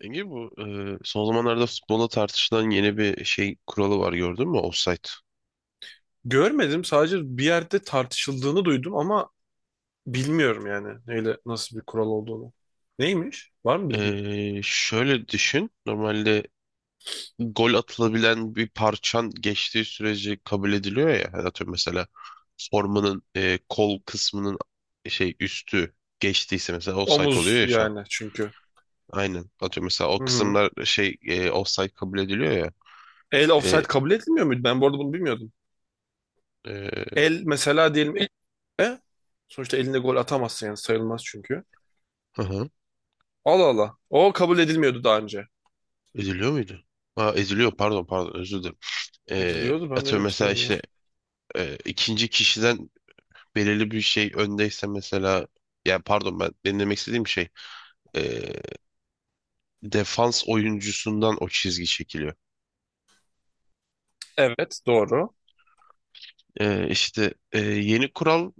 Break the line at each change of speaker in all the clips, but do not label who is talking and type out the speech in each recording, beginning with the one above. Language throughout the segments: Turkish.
Enge bu son zamanlarda futbolda tartışılan yeni bir şey kuralı var, gördün mü? Offside.
Görmedim. Sadece bir yerde tartışıldığını duydum ama bilmiyorum yani neyle nasıl bir kural olduğunu. Neymiş? Var mı bilgin?
Şöyle düşün. Normalde gol atılabilen bir parçan geçtiği sürece kabul ediliyor ya. Hani atıyorum mesela formanın kol kısmının şey üstü geçtiyse mesela offside oluyor
Omuz
ya şu an.
yani çünkü.
Aynen. Atıyorum mesela o
Hı hı.
kısımlar şey offside kabul ediliyor ya.
El offside
E,
kabul edilmiyor muydu? Ben bu arada bunu bilmiyordum.
e,
El mesela diyelim el, e? Sonuçta elinde gol atamazsın yani sayılmaz çünkü.
hı hı.
Allah Allah. O kabul edilmiyordu daha önce.
Ediliyor muydu? Ha, ediliyor, pardon, özür dilerim.
Ediliyordu ben de öyle
Atıyorum mesela
hatırladım.
işte ikinci kişiden belirli bir şey öndeyse mesela, yani pardon benim demek istediğim şey, e, defans oyuncusundan o çizgi çekiliyor.
Evet, doğru.
İşte yeni kural,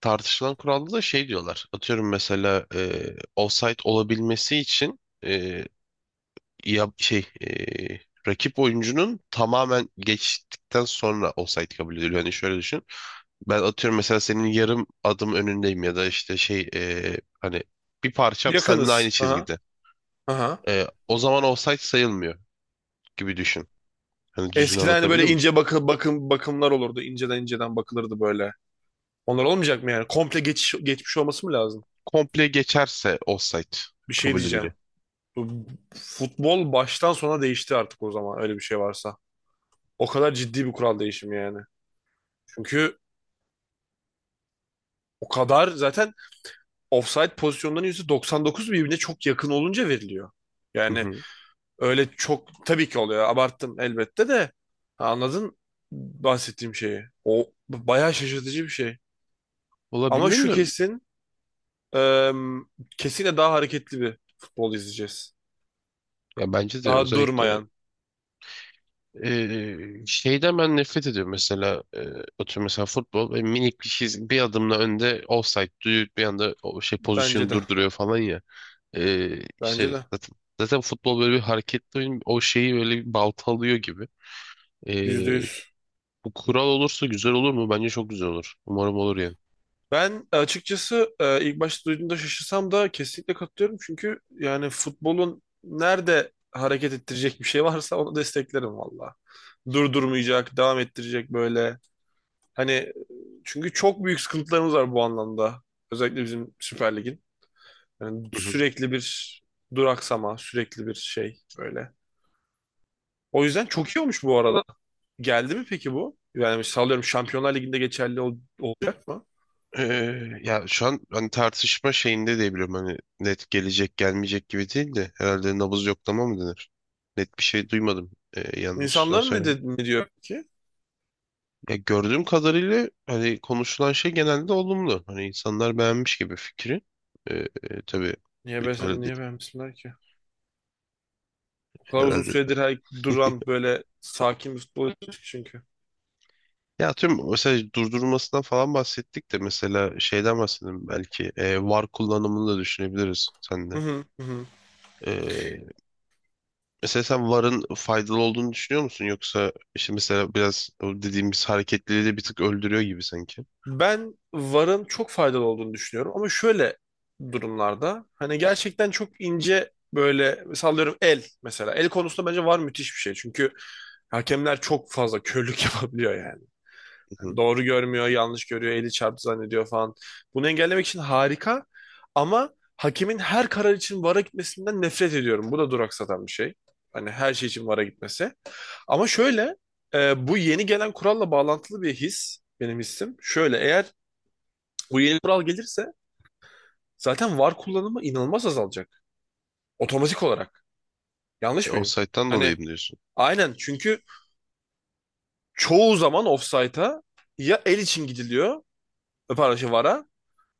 tartışılan kuralda da şey diyorlar. Atıyorum mesela offside olabilmesi için ya şey rakip oyuncunun tamamen geçtikten sonra offside kabul ediliyor. Hani şöyle düşün. Ben atıyorum mesela senin yarım adım önündeyim ya da işte şey hani bir parçam seninle aynı
Yakınız. Aha.
çizgide.
Aha.
O zaman offside sayılmıyor gibi düşün. Hani düzgün
Eskiden hani böyle
anlatabildim mi?
ince bakımlar olurdu. İnceden inceden bakılırdı böyle. Onlar olmayacak mı yani? Komple geçmiş olması mı lazım?
Komple geçerse offside
Bir şey
kabul
diyeceğim.
ediliyor.
Bu futbol baştan sona değişti artık, o zaman öyle bir şey varsa. O kadar ciddi bir kural değişimi yani. Çünkü o kadar zaten offside pozisyonların %99 birbirine çok yakın olunca veriliyor.
Hı
Yani
hı.
öyle çok tabii ki oluyor. Abarttım elbette de. Ha, anladın bahsettiğim şeyi. O bayağı şaşırtıcı bir şey.
Valla
Ama
bilmiyorum
şu
da
kesin, e, kesinlikle daha hareketli bir futbol izleyeceğiz.
ya bence de
Daha
özellikle
durmayan,
Şeyden ben nefret ediyorum mesela, atıyorum mesela futbol ve minik bir şey, bir adımla önde offside duyuyor bir anda, o şey
bence
pozisyonu
de.
durduruyor falan ya.
Bence
İşte
de.
zaten futbol böyle bir hareketli oyun, o şeyi böyle bir balta alıyor gibi.
Yüzde
Ee,
yüz.
Bu kural olursa güzel olur mu? Bence çok güzel olur. Umarım olur yani.
Ben açıkçası ilk başta duyduğumda şaşırsam da kesinlikle katılıyorum. Çünkü yani futbolun nerede hareket ettirecek bir şey varsa onu desteklerim valla. Durdurmayacak, devam ettirecek böyle. Hani çünkü çok büyük sıkıntılarımız var bu anlamda. Özellikle bizim Süper Lig'in. Yani
Hı hı.
sürekli bir duraksama, sürekli bir şey böyle. O yüzden çok iyi olmuş bu arada. Geldi mi peki bu? Yani sallıyorum, Şampiyonlar Ligi'nde geçerli olacak mı?
Ya şu an hani tartışma şeyinde diyebilirim, hani net gelecek gelmeyecek gibi değil de, herhalde nabız yoklama mı denir? Net bir şey duymadım. Yanlış da.
İnsanların ne diyor peki?
Ya gördüğüm kadarıyla hani konuşulan şey genelde olumlu. Hani insanlar beğenmiş gibi fikri. Ee, tabii
Niye, be,
bitmeli de-
niye beğenmesinler ki? O kadar uzun
herhalde.
süredir her duran böyle sakin bir futbol çünkü.
Ya tüm mesela durdurulmasından falan bahsettik de mesela şeyden bahsedelim belki, VAR kullanımını da düşünebiliriz
Hı
sende.
hı, hı hı.
Ee, Mesela sen VAR'ın faydalı olduğunu düşünüyor musun? Yoksa işte mesela biraz o dediğimiz hareketliliği de bir tık öldürüyor gibi sanki.
Ben VAR'ın çok faydalı olduğunu düşünüyorum ama şöyle durumlarda hani gerçekten çok ince, böyle sallıyorum, el mesela. El konusunda bence VAR müthiş bir şey, çünkü hakemler çok fazla körlük yapabiliyor yani.
Hı hı.
Doğru görmüyor, yanlış görüyor, eli çarptı zannediyor falan. Bunu engellemek için harika, ama hakemin her karar için VAR'a gitmesinden nefret ediyorum. Bu da duraksatan bir şey. Hani her şey için VAR'a gitmesi. Ama şöyle, bu yeni gelen kuralla bağlantılı bir his benim hissim. Şöyle, eğer bu yeni kural gelirse zaten VAR kullanımı inanılmaz azalacak. Otomatik olarak. Yanlış mıyım?
Offside'dan
Hani
dolayı mı diyorsun?
aynen, çünkü çoğu zaman ofsayta, ya el için gidiliyor, pardon şey VAR'a,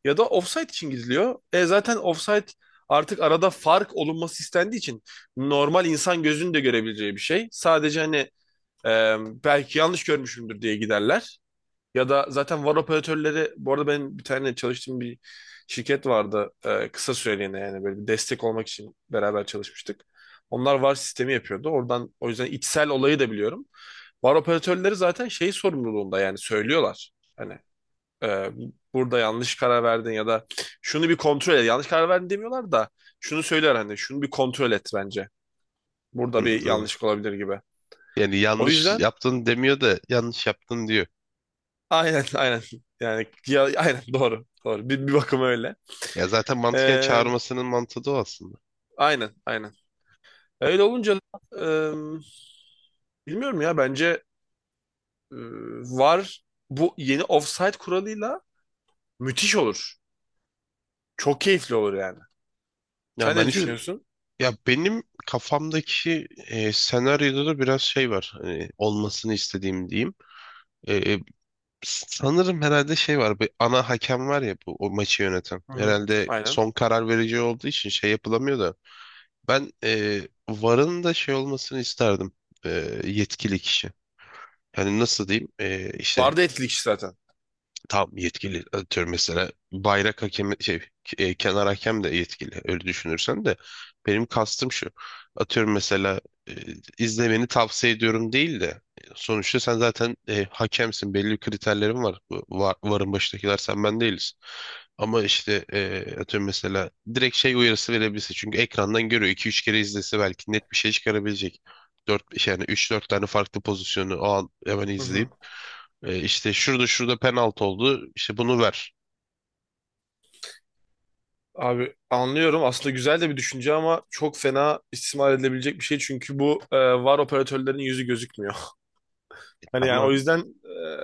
ya da offside için gidiliyor. Zaten offside artık arada fark olunması istendiği için normal insan gözünün de görebileceği bir şey. Sadece hani, e, belki yanlış görmüşümdür diye giderler. Ya da zaten VAR operatörleri, bu arada benim bir tane çalıştığım bir şirket vardı, kısa süreliğine yani böyle bir destek olmak için beraber çalışmıştık. Onlar VAR sistemi yapıyordu. Oradan, o yüzden içsel olayı da biliyorum. VAR operatörleri zaten şey sorumluluğunda yani söylüyorlar. Hani, e, burada yanlış karar verdin, ya da şunu bir kontrol et. Yanlış karar verdin demiyorlar da şunu söyler, hani şunu bir kontrol et bence. Burada
Hı,
bir
evet.
yanlışlık olabilir gibi.
Yani
O
yanlış
yüzden
yaptın demiyor da yanlış yaptın diyor.
aynen, aynen, yani ya, aynen, doğru doğru, bir bakıma öyle.
Ya zaten mantıken
Ee,
çağırmasının mantığı da o aslında.
aynen aynen. Öyle olunca da, bilmiyorum ya, bence e, var, bu yeni offside kuralıyla müthiş olur. Çok keyifli olur yani.
Ya
Sen ne
bence
düşünüyorsun?
ya benim kafamdaki senaryoda da biraz şey var. Hani olmasını istediğim diyeyim. E, e, sanırım herhalde şey var. Bir ana hakem var ya, bu o maçı yöneten.
Hı hı.
Herhalde
Aynen.
son karar verici olduğu için şey yapılamıyor da. Ben VAR'ın da şey olmasını isterdim. E, Yetkili kişi. Hani nasıl diyeyim? İşte
Vardı etkilik zaten.
tam yetkili, atıyorum mesela bayrak hakemi şey, kenar hakem de yetkili öyle düşünürsen de benim kastım şu: atıyorum mesela, e, izlemeni tavsiye ediyorum değil de, sonuçta sen zaten hakemsin, belli bir kriterlerin var. Bu var, varın başındakiler sen ben değiliz, ama işte atıyorum mesela direkt şey uyarısı verebilirsin, çünkü ekrandan görüyor, 2-3 kere izlese belki net bir şey çıkarabilecek. 4 yani 3-4 tane farklı pozisyonu o an hemen
Hı hı.
izleyip, işte şurada şurada penaltı oldu, İşte bunu ver.
Abi anlıyorum. Aslında güzel de bir düşünce ama çok fena istismar edilebilecek bir şey. Çünkü bu, var operatörlerin yüzü gözükmüyor. Hani yani o
Tamam.
yüzden,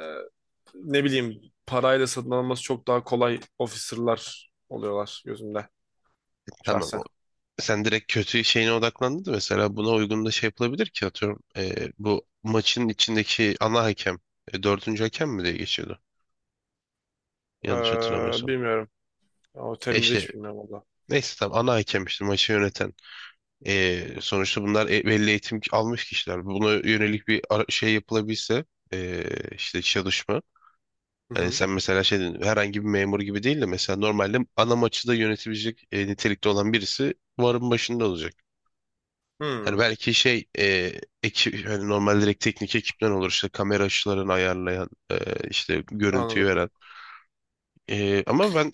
ne bileyim, parayla satın alınması çok daha kolay officer'lar oluyorlar gözümde,
Tamam.
şahsen.
O- Sen direkt kötü şeyine odaklandın da mesela buna uygun da şey yapılabilir ki, atıyorum, bu maçın içindeki ana hakem, dördüncü hakem mi diye geçiyordu,
E,
yanlış hatırlamıyorsam.
Bilmiyorum. O terimleri
İşte
hiç bilmiyorum valla.
neyse, tamam ana hakem işte maçı yöneten. Sonuçta bunlar e- belli eğitim almış kişiler. Buna yönelik bir ara- şey yapılabilse, e, işte çalışma.
Hı
Hani
hı.
sen mesela şey dedin, herhangi bir memur gibi değil de, mesela normalde ana maçı da yönetebilecek nitelikte olan birisi varın başında olacak. Hani
Hmm,
belki şey ekip, hani normal direkt teknik ekipten olur, işte kamera açılarını ayarlayan, işte görüntüyü
anladım.
veren. Ama ben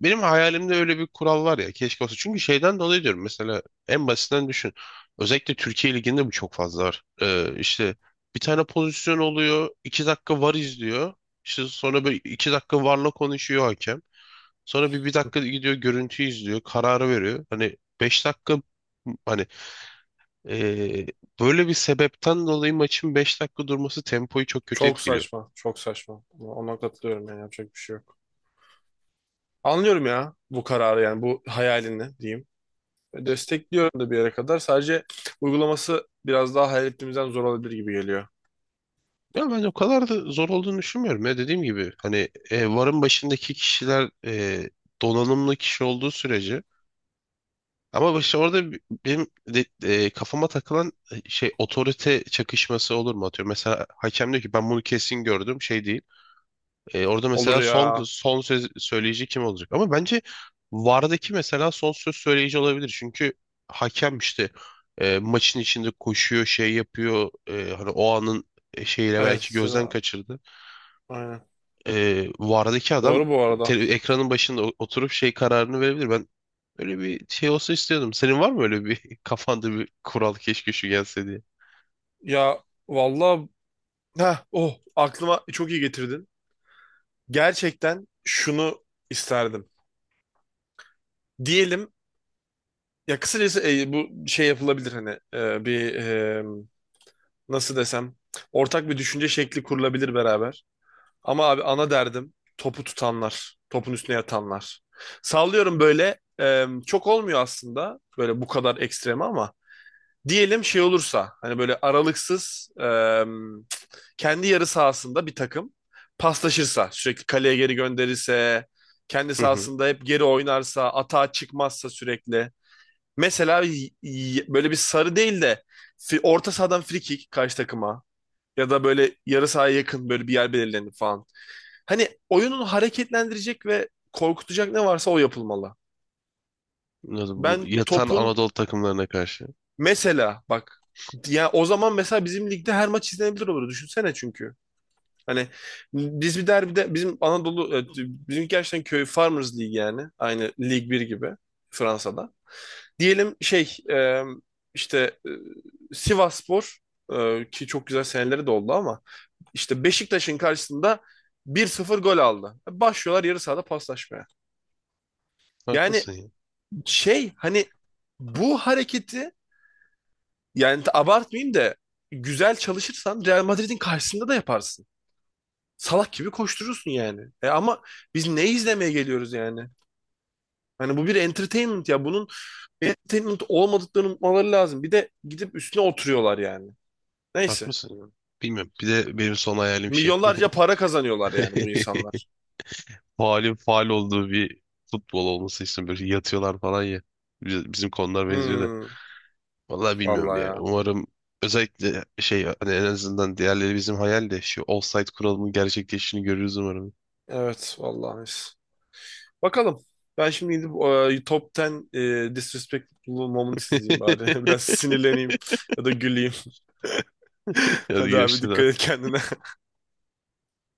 benim hayalimde öyle bir kural var ya, keşke olsa. Çünkü şeyden dolayı diyorum mesela, en basitinden düşün. Özellikle Türkiye Ligi'nde bu çok fazla var. İşte bir tane pozisyon oluyor, 2 dakika var izliyor. İşte sonra böyle 2 dakika varla konuşuyor hakem. Sonra bir dakika gidiyor görüntü izliyor. Kararı veriyor. Hani 5 dakika, hani, ee, böyle bir sebepten dolayı maçın 5 dakika durması tempoyu çok kötü
Çok
etkiliyor.
saçma. Çok saçma. Ona katılıyorum, yani yapacak bir şey yok. Anlıyorum ya bu kararı, yani bu hayalini diyeyim. Destekliyorum da bir yere kadar. Sadece uygulaması biraz daha hayal ettiğimizden zor olabilir gibi geliyor.
Ya ben o kadar da zor olduğunu düşünmüyorum. Ya dediğim gibi hani varın başındaki kişiler donanımlı kişi olduğu sürece, ama işte orada bi- benim de- kafama takılan şey, otorite çakışması olur mu, atıyor mesela hakem diyor ki ben bunu kesin gördüm, şey değil. Orada mesela
Olur
son
ya.
son söz söyleyici kim olacak? Ama bence vardaki mesela son söz söyleyici olabilir. Çünkü hakem işte maçın içinde koşuyor şey yapıyor. Hani o anın şeyiyle
Evet.
belki gözden kaçırdı.
Aynen.
Vardaki adam
Doğru bu
te-
arada.
ekranın başında o- oturup şey kararını verebilir. Ben öyle bir şey olsa istiyordum. Senin var mı öyle bir kafanda bir kural, keşke şu gelse diye?
Ya vallahi, oh, aklıma çok iyi getirdin. Gerçekten şunu isterdim. Diyelim ya, kısacası bu şey yapılabilir, hani bir, nasıl desem, ortak bir düşünce şekli kurulabilir beraber. Ama abi ana derdim, topu tutanlar, topun üstüne yatanlar. Sallıyorum böyle, çok olmuyor aslında böyle bu kadar ekstrem, ama diyelim şey olursa, hani böyle aralıksız, kendi yarı sahasında bir takım paslaşırsa, sürekli kaleye geri gönderirse, kendi
Hı hı.
sahasında hep geri oynarsa, atağa çıkmazsa sürekli. Mesela böyle bir sarı değil de, orta sahadan free kick karşı takıma, ya da böyle yarı sahaya yakın böyle bir yer belirlenip falan. Hani oyunun hareketlendirecek ve korkutacak ne varsa o yapılmalı.
Anladım. Bu
Ben
yatan
topun
Anadolu takımlarına karşı.
mesela, bak ya, o zaman mesela bizim ligde her maç izlenebilir olur, düşünsene çünkü. Hani biz bir derbide, bizim Anadolu, bizim gerçekten köy, Farmers League yani, aynı Lig bir gibi Fransa'da. Diyelim şey, işte, Sivasspor, ki çok güzel seneleri de oldu ama, İşte Beşiktaş'ın karşısında 1-0 gol aldı. Başlıyorlar yarı sahada paslaşmaya. Yani
Haklısın ya.
şey hani, bu hareketi, yani abartmayayım da, güzel çalışırsan Real Madrid'in karşısında da yaparsın. Salak gibi koşturursun yani. Ama biz ne izlemeye geliyoruz yani? Hani bu bir entertainment ya. Bunun entertainment olmadıklarını unutmaları lazım. Bir de gidip üstüne oturuyorlar yani. Neyse.
Haklısın ya. Bilmiyorum. Bir de benim son hayalim şey.
Milyonlarca para kazanıyorlar yani bu insanlar.
Faalin faal olduğu bir futbol olması istiyorum. Böyle yatıyorlar falan ya. Biz- Bizim konular benziyor da.
Hmm,
Vallahi bilmiyorum
vallahi
ya.
ya.
Umarım, özellikle şey hani, en azından diğerleri bizim hayal de şu offside kuralının gerçekleştiğini görürüz umarım.
Evet, vallahi. Bakalım. Ben şimdi gidip, Top 10 Disrespectful Moments izleyeyim bari. Biraz sinirleneyim ya da güleyim.
Hadi
Hadi abi,
görüşürüz.
dikkat et kendine.